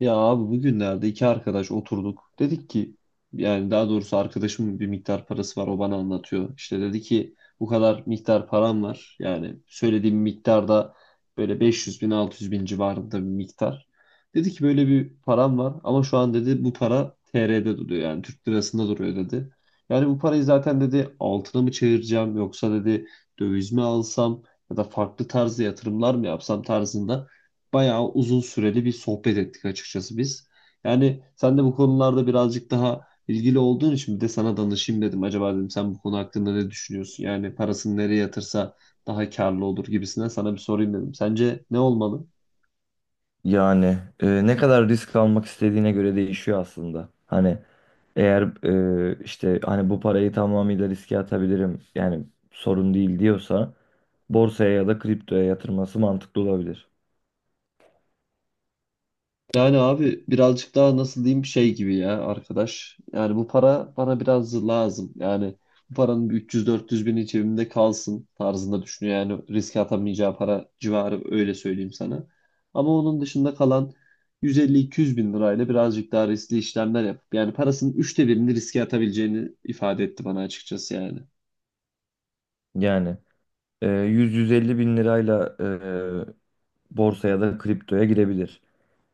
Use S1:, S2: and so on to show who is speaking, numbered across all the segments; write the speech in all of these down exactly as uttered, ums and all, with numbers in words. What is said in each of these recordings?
S1: Ya abi bugünlerde iki arkadaş oturduk. Dedik ki, yani daha doğrusu arkadaşımın bir miktar parası var, o bana anlatıyor. İşte dedi ki bu kadar miktar param var. Yani söylediğim miktarda böyle beş yüz bin altı yüz bin civarında bir miktar. Dedi ki böyle bir param var, ama şu an dedi bu para T R'de duruyor, yani Türk lirasında duruyor dedi. Yani bu parayı zaten dedi altına mı çevireceğim, yoksa dedi döviz mi alsam ya da farklı tarzda yatırımlar mı yapsam tarzında bayağı uzun süreli bir sohbet ettik açıkçası biz. Yani sen de bu konularda birazcık daha ilgili olduğun için bir de sana danışayım dedim. Acaba dedim sen bu konu hakkında ne düşünüyorsun? Yani parasını nereye yatırsa daha karlı olur gibisinden sana bir sorayım dedim. Sence ne olmalı?
S2: Yani e, ne kadar risk almak istediğine göre değişiyor aslında. Hani eğer e, işte hani bu parayı tamamıyla riske atabilirim yani sorun değil diyorsa borsaya ya da kriptoya yatırması mantıklı olabilir.
S1: Yani abi birazcık daha nasıl diyeyim şey gibi ya arkadaş. Yani bu para bana biraz lazım. Yani bu paranın bir üç yüz dört yüz bini cebimde kalsın tarzında düşünüyor. Yani riske atamayacağı para civarı, öyle söyleyeyim sana. Ama onun dışında kalan yüz elli iki yüz bin lirayla birazcık daha riskli işlemler yapıp, yani parasının üçte birini riske atabileceğini ifade etti bana açıkçası yani.
S2: Yani e, yüz yüz elli bin lirayla e, borsaya da kriptoya girebilir.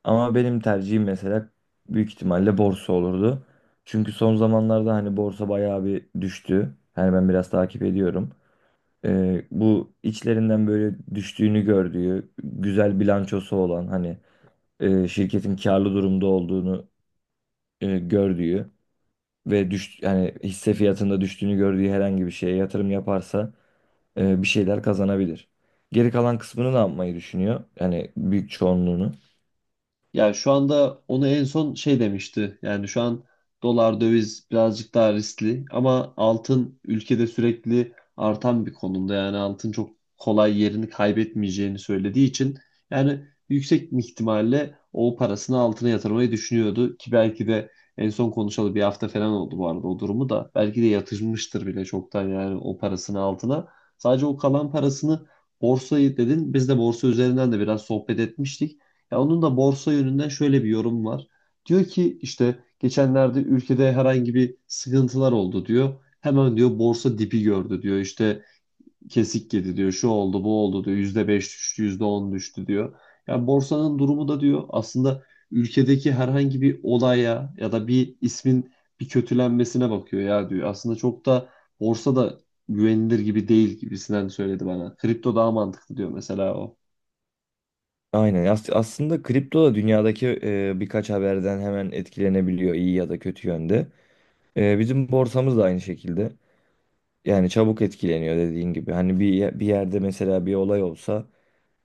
S2: Ama benim tercihim mesela büyük ihtimalle borsa olurdu. Çünkü son zamanlarda hani borsa bayağı bir düştü. Yani ben biraz takip ediyorum. Ee, bu içlerinden böyle düştüğünü gördüğü, güzel bilançosu olan hani e, şirketin karlı durumda olduğunu e, gördüğü ve düş yani hisse fiyatında düştüğünü gördüğü herhangi bir şeye yatırım yaparsa e, bir şeyler kazanabilir. Geri kalan kısmını ne yapmayı düşünüyor? Yani büyük çoğunluğunu.
S1: Yani şu anda onu en son şey demişti. Yani şu an dolar döviz birazcık daha riskli, ama altın ülkede sürekli artan bir konumda. Yani altın çok kolay yerini kaybetmeyeceğini söylediği için, yani yüksek ihtimalle o parasını altına yatırmayı düşünüyordu ki, belki de en son konuşalı bir hafta falan oldu bu arada o durumu da. Belki de yatırmıştır bile çoktan yani o parasını altına. Sadece o kalan parasını, borsayı dedin. Biz de borsa üzerinden de biraz sohbet etmiştik. Ya onun da borsa yönünden şöyle bir yorum var. Diyor ki işte geçenlerde ülkede herhangi bir sıkıntılar oldu diyor. Hemen diyor borsa dibi gördü diyor. İşte kesik yedi diyor. Şu oldu bu oldu diyor. Yüzde beş düştü, yüzde on düştü diyor. Ya borsanın durumu da diyor aslında ülkedeki herhangi bir olaya ya da bir ismin bir kötülenmesine bakıyor ya diyor. Aslında çok da borsa da güvenilir gibi değil gibisinden söyledi bana. Kripto daha mantıklı diyor mesela o.
S2: Aynen. As- aslında kripto da dünyadaki e, birkaç haberden hemen etkilenebiliyor iyi ya da kötü yönde. E, bizim borsamız da aynı şekilde. Yani çabuk etkileniyor dediğin gibi. Hani bir ye- bir yerde mesela bir olay olsa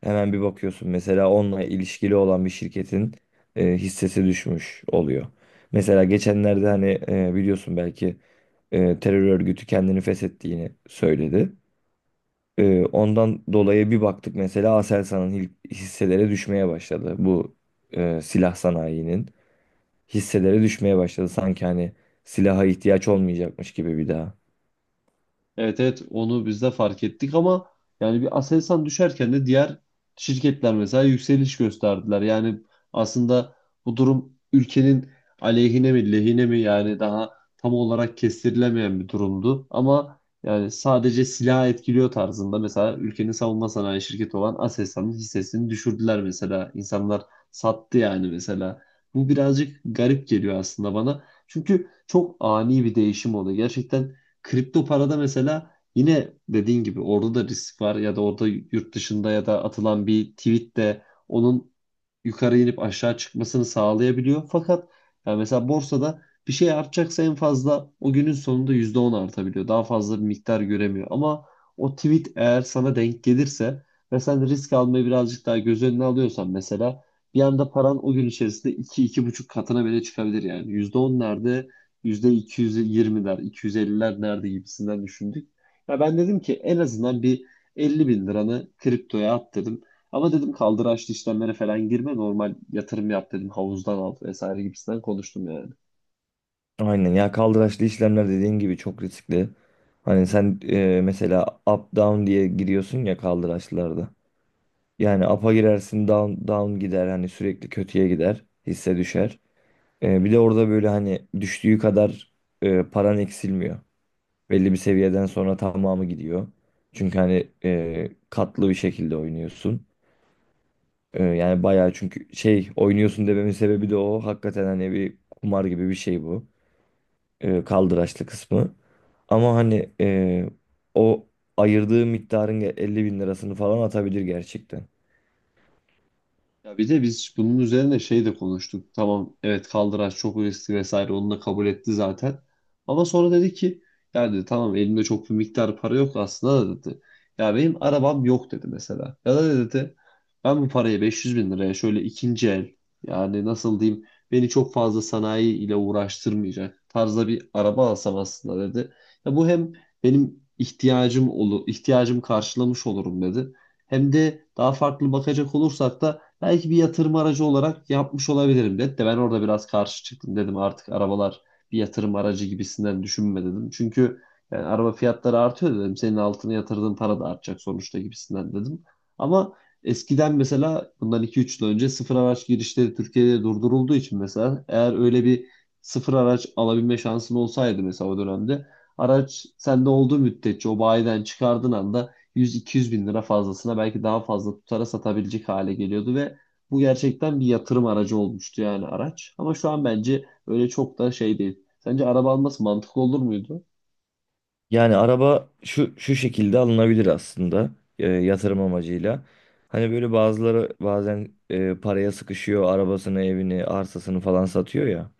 S2: hemen bir bakıyorsun. Mesela onunla ilişkili olan bir şirketin e, hissesi düşmüş oluyor. Mesela geçenlerde hani e, biliyorsun belki e, terör örgütü kendini feshettiğini söyledi. E, ondan dolayı bir baktık mesela Aselsan'ın hil- hisseleri düşmeye başladı. Bu e, silah sanayinin hisseleri düşmeye başladı. Sanki hani silaha ihtiyaç olmayacakmış gibi bir daha.
S1: Evet evet, onu biz de fark ettik, ama yani bir Aselsan düşerken de diğer şirketler mesela yükseliş gösterdiler. Yani aslında bu durum ülkenin aleyhine mi lehine mi, yani daha tam olarak kestirilemeyen bir durumdu. Ama yani sadece silah etkiliyor tarzında mesela ülkenin savunma sanayi şirketi olan Aselsan'ın hissesini düşürdüler mesela. İnsanlar sattı yani mesela. Bu birazcık garip geliyor aslında bana. Çünkü çok ani bir değişim oldu gerçekten. Kripto parada mesela, yine dediğin gibi orada da risk var, ya da orada yurt dışında ya da atılan bir tweet de onun yukarı inip aşağı çıkmasını sağlayabiliyor. Fakat yani mesela borsada bir şey artacaksa en fazla o günün sonunda yüzde on artabiliyor. Daha fazla bir miktar göremiyor. Ama o tweet eğer sana denk gelirse ve sen risk almayı birazcık daha göz önüne alıyorsan mesela, bir anda paran o gün içerisinde iki, iki buçuk katına bile çıkabilir yani. Yüzde on nerede? yüzde iki yüz yirmiler, iki yüz elliler nerede gibisinden düşündük. Ya ben dedim ki en azından bir elli bin liranı kriptoya at dedim. Ama dedim kaldıraçlı işlemlere falan girme, normal yatırım yap dedim, havuzdan al vesaire gibisinden konuştum yani.
S2: Aynen ya, kaldıraçlı işlemler dediğin gibi çok riskli. Hani sen e, mesela up down diye giriyorsun ya kaldıraçlarda. Yani up'a girersin down down gider, hani sürekli kötüye gider, hisse düşer. E, bir de orada böyle hani düştüğü kadar e, paran eksilmiyor. Belli bir seviyeden sonra tamamı gidiyor. Çünkü hani e, katlı bir şekilde oynuyorsun. E, yani bayağı, çünkü şey oynuyorsun dememin sebebi de o. Hakikaten hani bir kumar gibi bir şey bu, e, kaldıraçlı kısmı. Ama hani e, o ayırdığı miktarın ge- elli bin lirasını falan atabilir gerçekten.
S1: Ya bir de biz bunun üzerine şey de konuştuk. Tamam, evet, kaldıraç çok riskli vesaire, onu da kabul etti zaten. Ama sonra dedi ki, ya dedi tamam elimde çok bir miktar para yok aslında da dedi. Ya benim arabam yok dedi mesela. Ya da dedi ben bu parayı beş yüz bin liraya şöyle ikinci el, yani nasıl diyeyim, beni çok fazla sanayi ile uğraştırmayacak tarzda bir araba alsam aslında dedi. Ya bu hem benim ihtiyacım olur, ihtiyacım karşılamış olurum dedi. Hem de daha farklı bakacak olursak da belki bir yatırım aracı olarak yapmış olabilirim dedi, de ben orada biraz karşı çıktım, dedim artık arabalar bir yatırım aracı gibisinden düşünme dedim. Çünkü yani araba fiyatları artıyor dedim. Senin altına yatırdığın para da artacak sonuçta gibisinden dedim. Ama eskiden mesela bundan iki üç yıl önce sıfır araç girişleri Türkiye'de durdurulduğu için mesela, eğer öyle bir sıfır araç alabilme şansın olsaydı mesela o dönemde, araç sende olduğu müddetçe o bayiden çıkardığın anda yüz iki yüz bin lira fazlasına, belki daha fazla tutara satabilecek hale geliyordu ve bu gerçekten bir yatırım aracı olmuştu yani araç. Ama şu an bence öyle çok da şey değil. Sence araba alması mantıklı olur muydu?
S2: Yani araba şu şu şekilde alınabilir aslında, e, yatırım amacıyla. Hani böyle bazıları bazen e, paraya sıkışıyor, arabasını, evini, arsasını falan satıyor ya.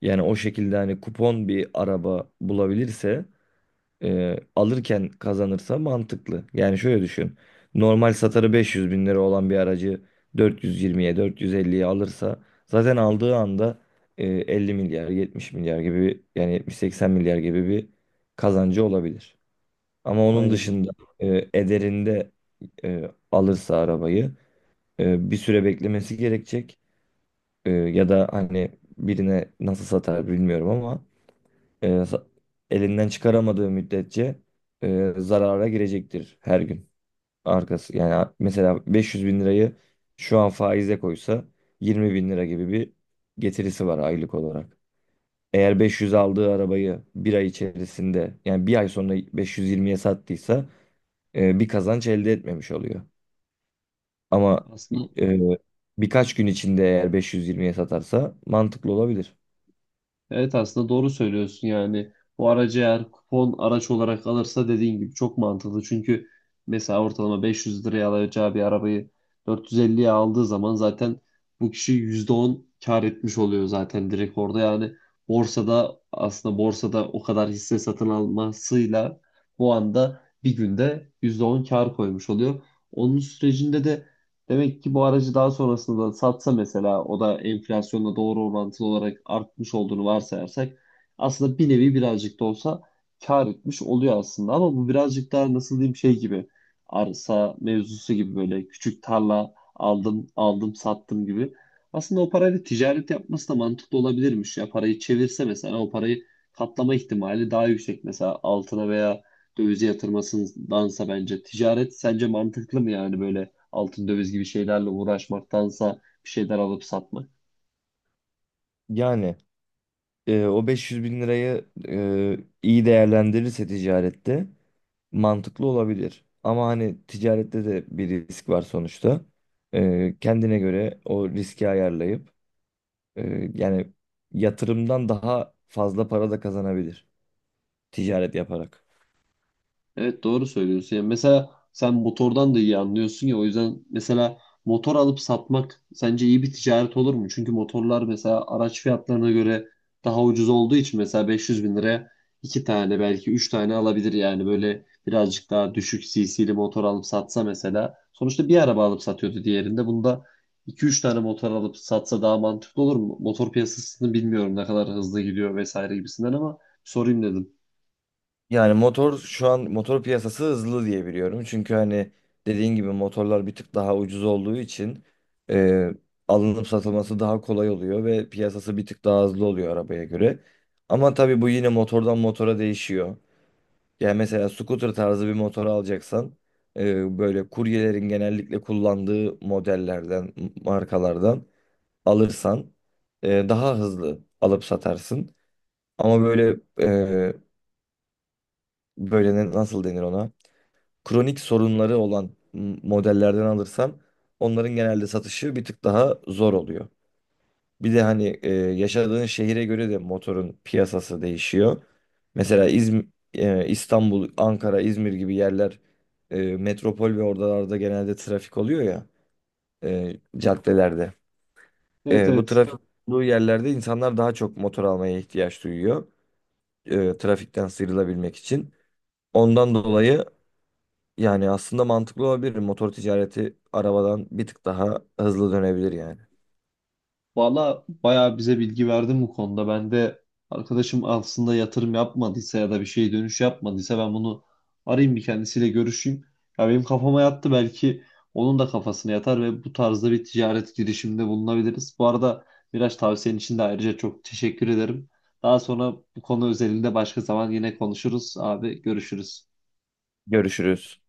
S2: Yani o şekilde hani kupon bir araba bulabilirse, e, alırken kazanırsa, mantıklı. Yani şöyle düşün. Normal satarı beş yüz bin lira olan bir aracı dört yüz yirmiye dört yüz elliye alırsa, zaten aldığı anda e, elli milyar yetmiş milyar gibi bir- yani yetmiş seksen milyar gibi bir kazancı olabilir. Ama onun
S1: Aynen.
S2: dışında e, ederinde e, alırsa arabayı e, bir süre beklemesi gerekecek. E, ya da hani birine nasıl satar bilmiyorum ama e, sa- elinden çıkaramadığı müddetçe e, zarara girecektir her gün. Arkası yani, mesela beş yüz bin lirayı şu an faize koysa yirmi bin lira gibi bir getirisi var aylık olarak. Eğer beş yüz aldığı arabayı bir ay içerisinde, yani bir ay sonra beş yüz yirmiye sattıysa e, bir kazanç elde etmemiş oluyor. Ama
S1: Aslında
S2: e, birkaç gün içinde eğer beş yüz yirmiye satarsa mantıklı olabilir.
S1: Evet aslında doğru söylüyorsun, yani bu aracı eğer kupon araç olarak alırsa, dediğin gibi çok mantıklı. Çünkü mesela ortalama beş yüz liraya alacağı bir arabayı dört yüz elliye aldığı zaman zaten bu kişi yüzde on kar etmiş oluyor zaten direkt orada. Yani borsada, aslında borsada o kadar hisse satın almasıyla bu anda bir günde yüzde on kar koymuş oluyor. Onun sürecinde de, demek ki bu aracı daha sonrasında da satsa mesela, o da enflasyonla doğru orantılı olarak artmış olduğunu varsayarsak, aslında bir nevi birazcık da olsa kar etmiş oluyor aslında. Ama bu birazcık daha nasıl diyeyim şey gibi, arsa mevzusu gibi, böyle küçük tarla aldım aldım sattım gibi. Aslında o parayla ticaret yapması da mantıklı olabilirmiş ya, parayı çevirse mesela o parayı katlama ihtimali daha yüksek mesela altına veya dövize yatırmasındansa. Bence ticaret, sence mantıklı mı yani böyle altın döviz gibi şeylerle uğraşmaktansa bir şeyler alıp satmak?
S2: Yani e, o beş yüz bin lirayı e, iyi değerlendirirse ticarette mantıklı olabilir. Ama hani ticarette de bir risk var sonuçta. E, kendine göre o riski ayarlayıp e, yani yatırımdan daha fazla para da kazanabilir, ticaret yaparak.
S1: Evet doğru söylüyorsun. Yani mesela sen motordan da iyi anlıyorsun ya, o yüzden mesela motor alıp satmak sence iyi bir ticaret olur mu? Çünkü motorlar mesela araç fiyatlarına göre daha ucuz olduğu için mesela beş yüz bin liraya iki tane belki üç tane alabilir, yani böyle birazcık daha düşük cc'li motor alıp satsa mesela, sonuçta bir araba alıp satıyordu diğerinde, bunda iki üç tane motor alıp satsa daha mantıklı olur mu? Motor piyasasını bilmiyorum, ne kadar hızlı gidiyor vesaire gibisinden, ama sorayım dedim.
S2: Yani motor, şu an motor piyasası hızlı diye biliyorum. Çünkü hani dediğin gibi motorlar bir tık daha ucuz olduğu için e, alınıp satılması daha kolay oluyor ve piyasası bir tık daha hızlı oluyor arabaya göre. Ama tabii bu yine motordan motora değişiyor. Yani mesela scooter tarzı bir motor alacaksan, e, böyle kuryelerin genellikle kullandığı modellerden, markalardan alırsan, e, daha hızlı alıp satarsın. Ama böyle e, böyle ne- nasıl denir ona? Kronik sorunları olan m- modellerden alırsam onların genelde satışı bir tık daha zor oluyor. Bir de hani e, yaşadığın şehire göre de motorun piyasası değişiyor. Mesela İzm- e, İstanbul, Ankara, İzmir gibi yerler e, metropol ve oralarda genelde trafik oluyor ya, e, caddelerde.
S1: Evet
S2: E, bu
S1: evet.
S2: trafik olduğu yerlerde insanlar daha çok motor almaya ihtiyaç duyuyor, e, trafikten sıyrılabilmek için. Ondan dolayı, yani aslında mantıklı olabilir. Motor ticareti arabadan bir tık daha hızlı dönebilir yani.
S1: Valla bayağı bize bilgi verdin bu konuda. Ben de arkadaşım aslında yatırım yapmadıysa ya da bir şey dönüş yapmadıysa ben bunu arayayım, bir kendisiyle görüşeyim. Ya benim kafama yattı, belki onun da kafasına yatar ve bu tarzda bir ticaret girişiminde bulunabiliriz. Bu arada biraz tavsiyen için de ayrıca çok teşekkür ederim. Daha sonra bu konu özelinde başka zaman yine konuşuruz abi, görüşürüz.
S2: Görüşürüz.